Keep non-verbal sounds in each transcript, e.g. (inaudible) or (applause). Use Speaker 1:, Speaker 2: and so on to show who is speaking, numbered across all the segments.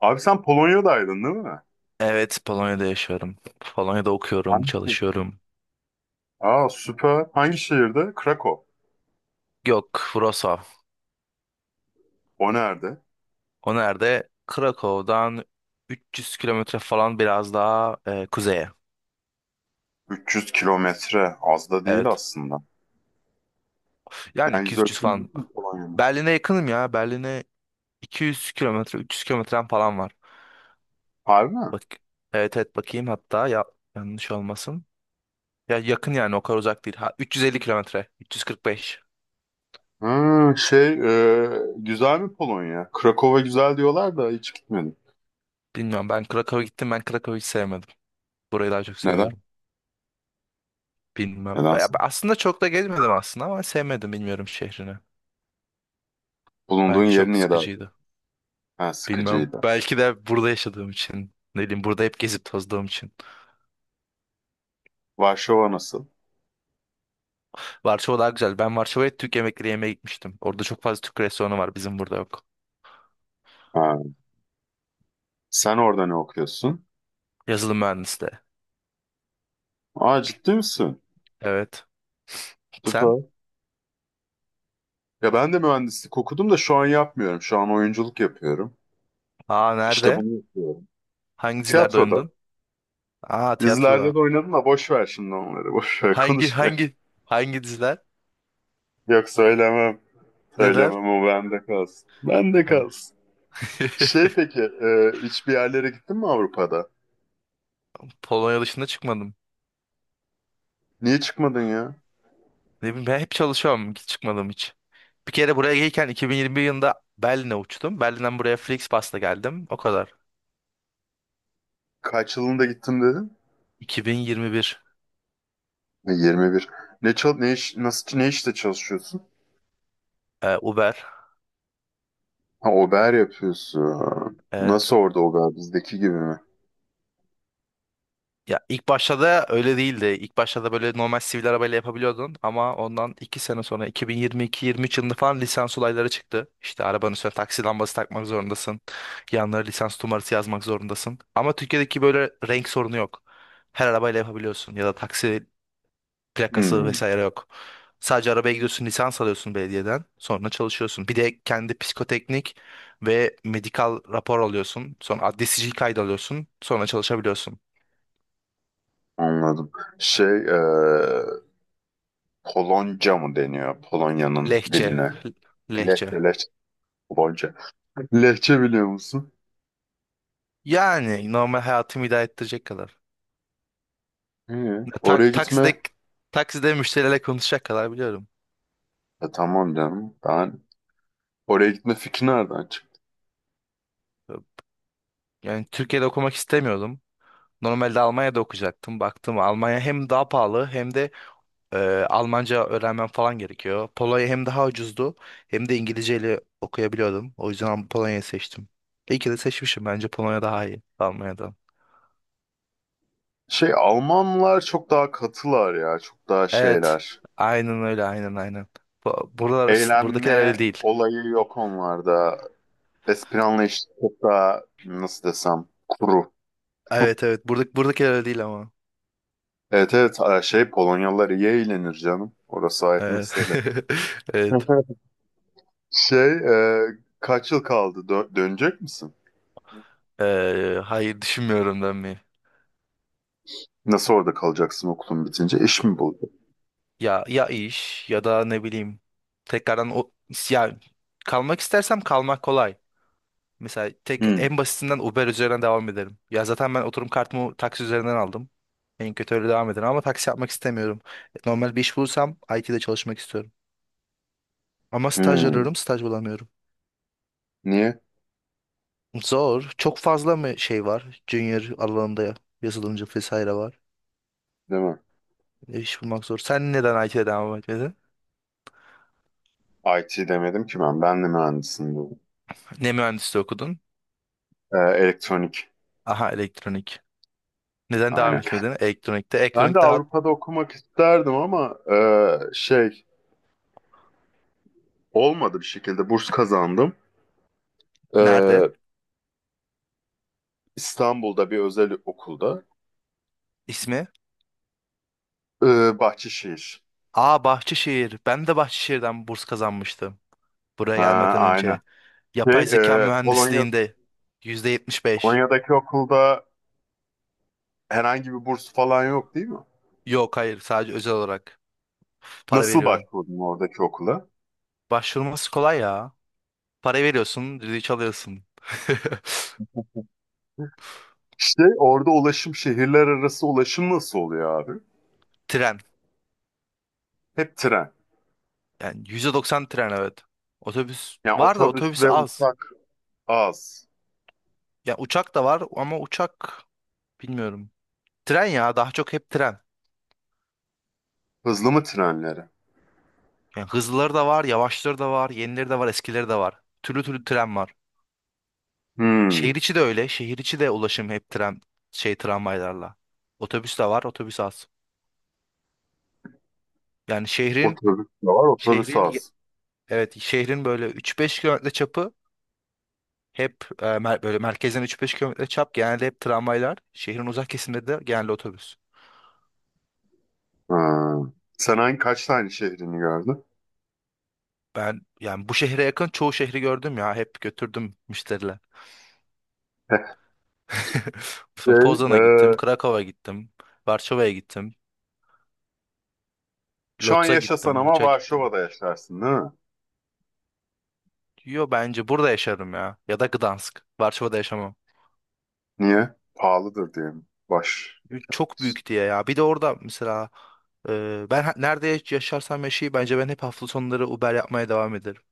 Speaker 1: Abi, sen Polonya'daydın değil mi?
Speaker 2: Evet, Polonya'da yaşıyorum. Polonya'da okuyorum,
Speaker 1: Şehir?
Speaker 2: çalışıyorum.
Speaker 1: Aa, süper. Hangi şehirde? Krakow.
Speaker 2: Yok, Wrocław.
Speaker 1: O nerede?
Speaker 2: O nerede? Krakow'dan 300 kilometre falan biraz daha kuzeye.
Speaker 1: 300 kilometre. Az da değil
Speaker 2: Evet.
Speaker 1: aslında.
Speaker 2: Yani
Speaker 1: Yani yüz
Speaker 2: 200-300
Speaker 1: ölçümü
Speaker 2: falan.
Speaker 1: değil mi Polonya'nın?
Speaker 2: Berlin'e yakınım ya. Berlin'e 200 kilometre, 300 kilometrem falan var.
Speaker 1: Harbi mi?
Speaker 2: Bak, evet evet bakayım hatta ya yanlış olmasın. Ya yakın yani o kadar uzak değil. Ha, 350 kilometre, 345.
Speaker 1: Hı, şey Güzel mi Polonya? Krakow'a güzel diyorlar da hiç gitmedim.
Speaker 2: Bilmiyorum ben Krakow'a gittim ben Krakow'u hiç sevmedim. Burayı daha çok
Speaker 1: Neden?
Speaker 2: seviyorum. Bilmem. Ya
Speaker 1: Nedense.
Speaker 2: ben aslında çok da gezmedim aslında ama sevmedim bilmiyorum şehrini.
Speaker 1: Bulunduğun
Speaker 2: Bence
Speaker 1: yer
Speaker 2: çok
Speaker 1: niye daha iyi?
Speaker 2: sıkıcıydı.
Speaker 1: Ha,
Speaker 2: Bilmem.
Speaker 1: sıkıcıydı.
Speaker 2: Belki de burada yaşadığım için. Ne bileyim burada hep gezip tozduğum için.
Speaker 1: Varşova nasıl?
Speaker 2: Varşova daha güzel. Ben Varşova'ya Türk yemekleri yemeye gitmiştim. Orada çok fazla Türk restoranı var. Bizim burada yok.
Speaker 1: Ha, sen orada ne okuyorsun?
Speaker 2: Yazılım mühendisliği.
Speaker 1: Aa, ciddi misin?
Speaker 2: Evet. Sen?
Speaker 1: Süper. Ya ben de mühendislik okudum da şu an yapmıyorum. Şu an oyunculuk yapıyorum.
Speaker 2: Aa
Speaker 1: İşte
Speaker 2: nerede?
Speaker 1: bunu yapıyorum.
Speaker 2: Hangi dizilerde
Speaker 1: Tiyatroda,
Speaker 2: oynadın? Aa tiyatroda.
Speaker 1: dizilerde de oynadım da boş ver şimdi onları. Boş ver,
Speaker 2: Hangi
Speaker 1: konuşma. (laughs)
Speaker 2: hangi hangi diziler?
Speaker 1: Yok, söylemem.
Speaker 2: Neden?
Speaker 1: Söylemem, o bende kalsın. Bende
Speaker 2: Tamam.
Speaker 1: kalsın.
Speaker 2: (laughs)
Speaker 1: Hiçbir yerlere gittin mi Avrupa'da?
Speaker 2: Polonya dışında çıkmadım.
Speaker 1: Niye çıkmadın ya?
Speaker 2: Ne bileyim, ben hep çalışıyorum hiç çıkmadım hiç. Bir kere buraya gelirken 2021 yılında Berlin'e uçtum. Berlin'den buraya Flixbus'la geldim. O kadar.
Speaker 1: Kaç yılında gittim dedin?
Speaker 2: 2021.
Speaker 1: 21. Ne işte çalışıyorsun?
Speaker 2: Uber.
Speaker 1: Ha, ober yapıyorsun.
Speaker 2: Evet.
Speaker 1: Nasıl, orada ober bizdeki gibi mi?
Speaker 2: Ya ilk başta da öyle değildi. İlk başta da böyle normal sivil arabayla yapabiliyordun ama ondan 2 sene sonra 2022-23 yılında falan lisans olayları çıktı. İşte arabanın üstüne taksi lambası takmak zorundasın. Yanlara lisans numarası yazmak zorundasın. Ama Türkiye'deki böyle renk sorunu yok. Her arabayla yapabiliyorsun ya da taksi plakası
Speaker 1: Hmm,
Speaker 2: vesaire yok. Sadece arabaya gidiyorsun, lisans alıyorsun belediyeden. Sonra çalışıyorsun. Bir de kendi psikoteknik ve medikal rapor alıyorsun. Sonra adli sicil kaydı alıyorsun. Sonra çalışabiliyorsun.
Speaker 1: anladım. Şey, e, Polonca mı deniyor Polonya'nın
Speaker 2: Lehçe.
Speaker 1: diline?
Speaker 2: Lehçe.
Speaker 1: Lehçe, Gonca. Lehçe biliyor musun?
Speaker 2: Yani normal hayatımı idare ettirecek kadar.
Speaker 1: Hı. Oraya
Speaker 2: Tak,
Speaker 1: gitme.
Speaker 2: takside takside müşterilerle konuşacak kadar biliyorum.
Speaker 1: Tamam canım. Oraya gitme fikri nereden çıktı?
Speaker 2: Yani Türkiye'de okumak istemiyordum. Normalde Almanya'da okuyacaktım. Baktım Almanya hem daha pahalı hem de Ee, Almanca öğrenmem falan gerekiyor. Polonya hem daha ucuzdu hem de İngilizceyle okuyabiliyordum. O yüzden Polonya'yı seçtim. İyi ki de seçmişim. Bence Polonya daha iyi Almanya'dan.
Speaker 1: Şey, Almanlar çok daha katılar ya. Çok daha
Speaker 2: Evet.
Speaker 1: şeyler.
Speaker 2: Aynen öyle. Aynen aynen. Buralar, buradakiler öyle
Speaker 1: Eğlenme
Speaker 2: değil.
Speaker 1: olayı yok onlarda. Espri anlayışı çok daha nasıl desem, kuru.
Speaker 2: Evet evet. Burada, buradakiler öyle değil ama.
Speaker 1: Evet, evet, Polonyalılar iyi eğlenir canım. Orası ayrı
Speaker 2: Evet.
Speaker 1: mesele.
Speaker 2: (laughs)
Speaker 1: (laughs)
Speaker 2: Evet.
Speaker 1: Şey e, Kaç yıl kaldı? Dönecek misin?
Speaker 2: Hayır düşünmüyorum dönmeyi.
Speaker 1: Nasıl orada kalacaksın okulun bitince? İş mi buldun?
Speaker 2: Ya iş ya da ne bileyim tekrardan o ya kalmak istersem kalmak kolay. Mesela tek
Speaker 1: Hmm.
Speaker 2: en basitinden Uber üzerinden devam edelim. Ya zaten ben oturum kartımı taksi üzerinden aldım. En kötü öyle devam edelim ama taksi yapmak istemiyorum. Normal bir iş bulursam IT'de çalışmak istiyorum. Ama staj
Speaker 1: Hmm.
Speaker 2: arıyorum, staj bulamıyorum.
Speaker 1: Niye
Speaker 2: Zor. Çok fazla mı şey var? Junior alanında yazılımcı vesaire var.
Speaker 1: Değil mi?
Speaker 2: İş bulmak zor. Sen neden IT'de devam etmedin?
Speaker 1: IT demedim ki ben. Ben de mühendisim bu.
Speaker 2: Ne mühendisliği okudun?
Speaker 1: Elektronik.
Speaker 2: Aha elektronik. Neden devam
Speaker 1: Aynen.
Speaker 2: etmedin? Elektronikte.
Speaker 1: Ben de
Speaker 2: Elektronik daha
Speaker 1: Avrupa'da okumak isterdim ama olmadı bir şekilde. Burs kazandım.
Speaker 2: nerede?
Speaker 1: Ee, İstanbul'da bir özel okulda.
Speaker 2: İsmi?
Speaker 1: Bahçeşehir.
Speaker 2: Aa Bahçeşehir. Ben de Bahçeşehir'den burs kazanmıştım buraya
Speaker 1: Ha,
Speaker 2: gelmeden
Speaker 1: aynen.
Speaker 2: önce.
Speaker 1: Şey,
Speaker 2: Yapay zeka
Speaker 1: e, Polonya,
Speaker 2: mühendisliğinde %75.
Speaker 1: Polonya'daki okulda herhangi bir burs falan yok değil mi?
Speaker 2: Yok hayır sadece özel olarak para
Speaker 1: Nasıl
Speaker 2: veriyorum.
Speaker 1: başvurdun oradaki okula?
Speaker 2: Başvurması kolay ya. Para veriyorsun, düdüğü alıyorsun. (laughs)
Speaker 1: İşte orada ulaşım, şehirler arası ulaşım nasıl oluyor abi?
Speaker 2: Tren.
Speaker 1: Hep tren.
Speaker 2: Yani %90 tren evet. Otobüs
Speaker 1: Yani
Speaker 2: var da otobüs
Speaker 1: otobüsle
Speaker 2: az.
Speaker 1: uçak az.
Speaker 2: Ya uçak da var ama uçak bilmiyorum. Tren ya daha çok hep tren.
Speaker 1: Hızlı mı trenleri?
Speaker 2: Yani hızlıları da var, yavaşları da var, yenileri de var, eskileri de var. Türlü türlü tren var.
Speaker 1: Hmm.
Speaker 2: Şehir içi de öyle. Şehir içi de ulaşım hep tren şey tramvaylarla. Otobüs de var, otobüs az. Yani
Speaker 1: Otobüs de var, otobüs
Speaker 2: şehrin ye-
Speaker 1: az.
Speaker 2: evet şehrin böyle üç beş kilometre çapı hep böyle merkezden üç beş kilometre çap genelde hep tramvaylar. Şehrin uzak kesiminde de genelde otobüs.
Speaker 1: Ha. Sen hangi Kaç tane şehrini gördün?
Speaker 2: Ben yani bu şehre yakın çoğu şehri gördüm ya. Hep götürdüm müşteriler.
Speaker 1: (laughs)
Speaker 2: (laughs) Son
Speaker 1: Şey, e,
Speaker 2: Poznan'a gittim, Krakow'a gittim, Varşova'ya gittim,
Speaker 1: Şu an
Speaker 2: Lodz'a
Speaker 1: yaşasan
Speaker 2: gittim,
Speaker 1: ama
Speaker 2: Buç'a gittim.
Speaker 1: Varşova'da yaşarsın değil mi?
Speaker 2: Yo bence burada yaşarım ya. Ya da Gdansk. Varşova'da yaşamam.
Speaker 1: Niye? Pahalıdır diye mi? Baş.
Speaker 2: Çok büyük diye ya. Bir de orada mesela nerede yaşarsam yaşayayım bence ben hep hafta sonları Uber yapmaya devam ederim.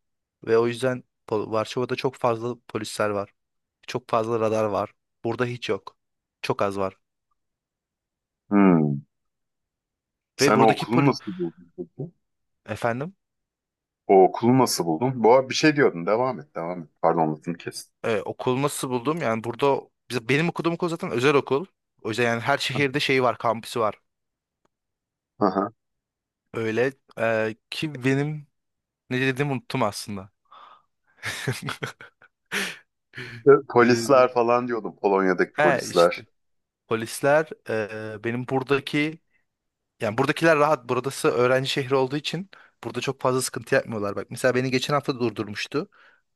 Speaker 2: Ve o yüzden Varşova'da çok fazla polisler var. Çok fazla radar var. Burada hiç yok. Çok az var.
Speaker 1: Hmm.
Speaker 2: Ve
Speaker 1: Sen o
Speaker 2: buradaki
Speaker 1: okulu nasıl buldun peki?
Speaker 2: efendim.
Speaker 1: O okulu nasıl buldun? Bu arada bir şey diyordun. Devam et, devam et. Pardon, lafını kestim.
Speaker 2: Okulu nasıl buldum? Yani burada benim okuduğum okul zaten özel okul. O yüzden yani her şehirde şeyi var, kampüsü var.
Speaker 1: Aha.
Speaker 2: Öyle ki benim ne dediğimi unuttum aslında. (laughs) Ne dediğimi-
Speaker 1: Polisler falan diyordum, Polonya'daki
Speaker 2: He işte.
Speaker 1: polisler.
Speaker 2: Polisler, benim buradaki yani buradakiler rahat. Burası öğrenci şehri olduğu için burada çok fazla sıkıntı yapmıyorlar. Bak mesela beni geçen hafta durdurmuştu.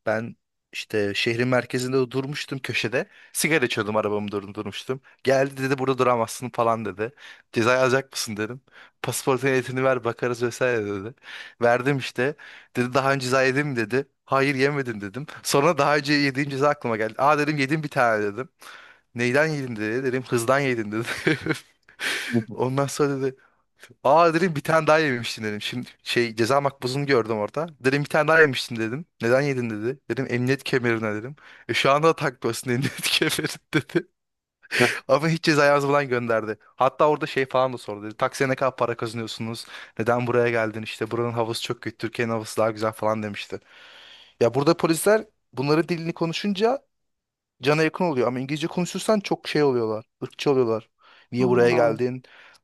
Speaker 2: Ben işte şehrin merkezinde durmuştum köşede. Sigara içiyordum arabamı durdurmuştum. Geldi dedi burada duramazsın falan dedi. Ceza alacak mısın dedim. Pasaportun ehliyetini ver bakarız vesaire dedi. Verdim işte. Dedi daha önce ceza yedin mi dedi. Hayır yemedim dedim. Sonra daha önce yediğim ceza aklıma geldi. Aa dedim yedim bir tane dedim. Neyden yedin dedi. Dedim hızdan yedin dedi. (laughs)
Speaker 1: (laughs)
Speaker 2: Ondan sonra dedi Aa dedim bir tane daha yemiştin dedim. Şimdi şey ceza makbuzunu gördüm orada. Dedim bir tane daha yemiştin dedim. Neden yedin dedi. Dedim emniyet kemerine dedim. Şu anda da takmıyorsun (laughs) emniyet kemerini dedi. Ama hiç ceza yazmadan gönderdi. Hatta orada şey falan da sordu dedi. Taksiye ne kadar para kazanıyorsunuz? Neden buraya geldin? İşte buranın havası çok kötü. Türkiye'nin havası daha güzel falan demişti. Ya burada polisler bunların dilini konuşunca cana yakın oluyor. Ama İngilizce konuşursan çok şey oluyorlar. Irkçı oluyorlar. Niye buraya
Speaker 1: Ha.
Speaker 2: geldin?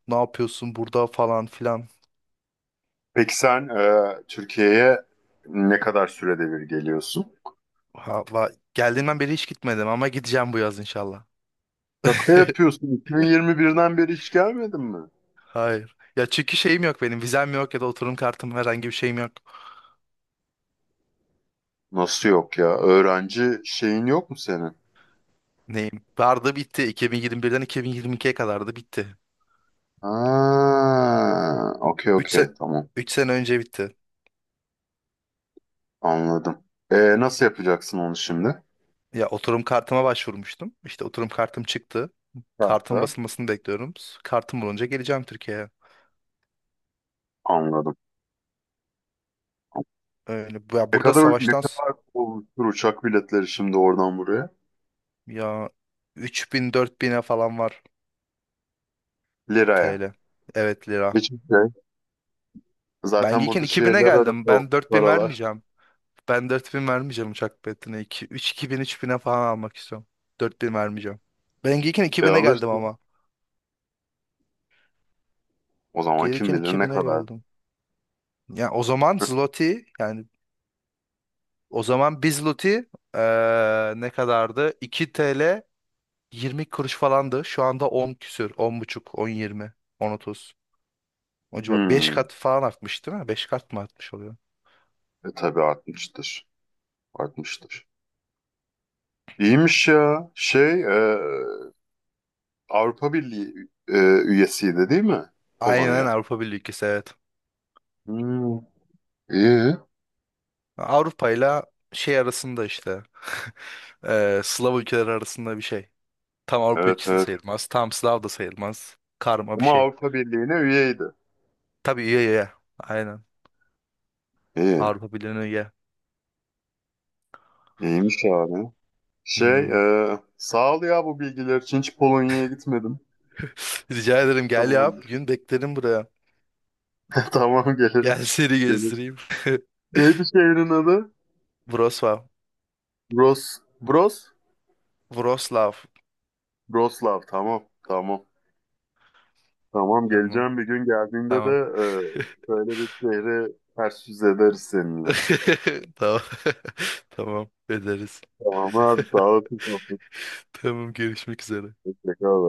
Speaker 2: Ne yapıyorsun burada falan filan.
Speaker 1: Peki sen Türkiye'ye ne kadar sürede bir geliyorsun?
Speaker 2: Ha, geldiğimden beri hiç gitmedim ama gideceğim bu yaz inşallah.
Speaker 1: Şaka
Speaker 2: (laughs)
Speaker 1: yapıyorsun. 2021'den beri hiç gelmedin mi?
Speaker 2: Hayır. Ya çünkü şeyim yok benim. Vizem yok ya da oturum kartım herhangi bir şeyim yok.
Speaker 1: Nasıl yok ya? Öğrenci şeyin yok mu senin?
Speaker 2: Neyim? Vardı bitti. 2021'den 2022'ye kadardı bitti.
Speaker 1: Ha, okey,
Speaker 2: 3
Speaker 1: okey,
Speaker 2: se
Speaker 1: tamam,
Speaker 2: 3 sene önce bitti.
Speaker 1: anladım. E, nasıl yapacaksın onu şimdi?
Speaker 2: Ya oturum kartıma başvurmuştum. İşte oturum kartım çıktı. Kartın
Speaker 1: Uçakla.
Speaker 2: basılmasını bekliyorum. Kartım bulunca geleceğim Türkiye'ye.
Speaker 1: Anladım.
Speaker 2: Öyle.
Speaker 1: Ne kadar olmuştur uçak biletleri şimdi oradan buraya?
Speaker 2: Ya 3000 bin'e falan var
Speaker 1: Liraya.
Speaker 2: TL. Evet lira.
Speaker 1: Hiçbir şey.
Speaker 2: Ben
Speaker 1: Zaten
Speaker 2: gelirken
Speaker 1: burada
Speaker 2: 2000'e
Speaker 1: şehirler arası
Speaker 2: geldim.
Speaker 1: o
Speaker 2: Ben 4000
Speaker 1: paralar.
Speaker 2: vermeyeceğim. Ben 4000 vermeyeceğim uçak biletine. İki bin üç bine falan almak istiyorum. Dört bin vermeyeceğim. Ben gelirken iki
Speaker 1: E,
Speaker 2: bine geldim
Speaker 1: alırsın.
Speaker 2: ama.
Speaker 1: O zaman kim
Speaker 2: Gelirken
Speaker 1: bilir
Speaker 2: iki
Speaker 1: ne
Speaker 2: bine
Speaker 1: kadar.
Speaker 2: geldim. Ya o zaman
Speaker 1: (laughs)
Speaker 2: zloty yani o zaman bir zloty ne kadardı? 2 TL 20 kuruş falandı. Şu anda 10 küsür. On buçuk, 10 20 10 otuz. O civar. 5
Speaker 1: Hmm.
Speaker 2: kat falan artmış değil mi? 5 kat mı artmış oluyor?
Speaker 1: E tabii, 60'tır. 60'tır. İyiymiş ya. Avrupa Birliği üyesiydi değil mi?
Speaker 2: Aynen
Speaker 1: Polonya.
Speaker 2: Avrupa Birliği ülkesi evet.
Speaker 1: Hmm. İyi.
Speaker 2: Avrupa ile şey arasında işte. (laughs) Slav ülkeleri arasında bir şey. Tam Avrupa
Speaker 1: Evet,
Speaker 2: ülkesi de
Speaker 1: evet.
Speaker 2: sayılmaz. Tam Slav da sayılmaz. Karma bir
Speaker 1: Ama
Speaker 2: şey.
Speaker 1: Avrupa Birliği'ne üyeydi.
Speaker 2: Tabii üye üye. Aynen.
Speaker 1: İyi.
Speaker 2: Avrupa Birliği'ne üye.
Speaker 1: İyiymiş abi. Şey
Speaker 2: Hmm.
Speaker 1: Sağ ol ya bu bilgiler için. Hiç Polonya'ya gitmedim.
Speaker 2: (laughs) Rica ederim
Speaker 1: Da
Speaker 2: gel ya.
Speaker 1: bulundur.
Speaker 2: Bir gün beklerim buraya.
Speaker 1: (laughs) Tamam, gelirim.
Speaker 2: Gel seni
Speaker 1: Gelirim.
Speaker 2: gezdireyim. (laughs)
Speaker 1: Neydi şehrin adı?
Speaker 2: Wrocław.
Speaker 1: Bros. Bros.
Speaker 2: Wrocław.
Speaker 1: Broslav. Tamam. Tamam. Tamam,
Speaker 2: Tamam.
Speaker 1: geleceğim, bir gün geldiğinde de
Speaker 2: Tamam.
Speaker 1: şöyle bir şehri ters yüz ederiz seninle.
Speaker 2: (laughs) Tamam. (laughs) Tamam. Ederiz.
Speaker 1: Tamam abi, sağ
Speaker 2: (laughs)
Speaker 1: olasın.
Speaker 2: Tamam görüşmek üzere.
Speaker 1: Hoşçakal.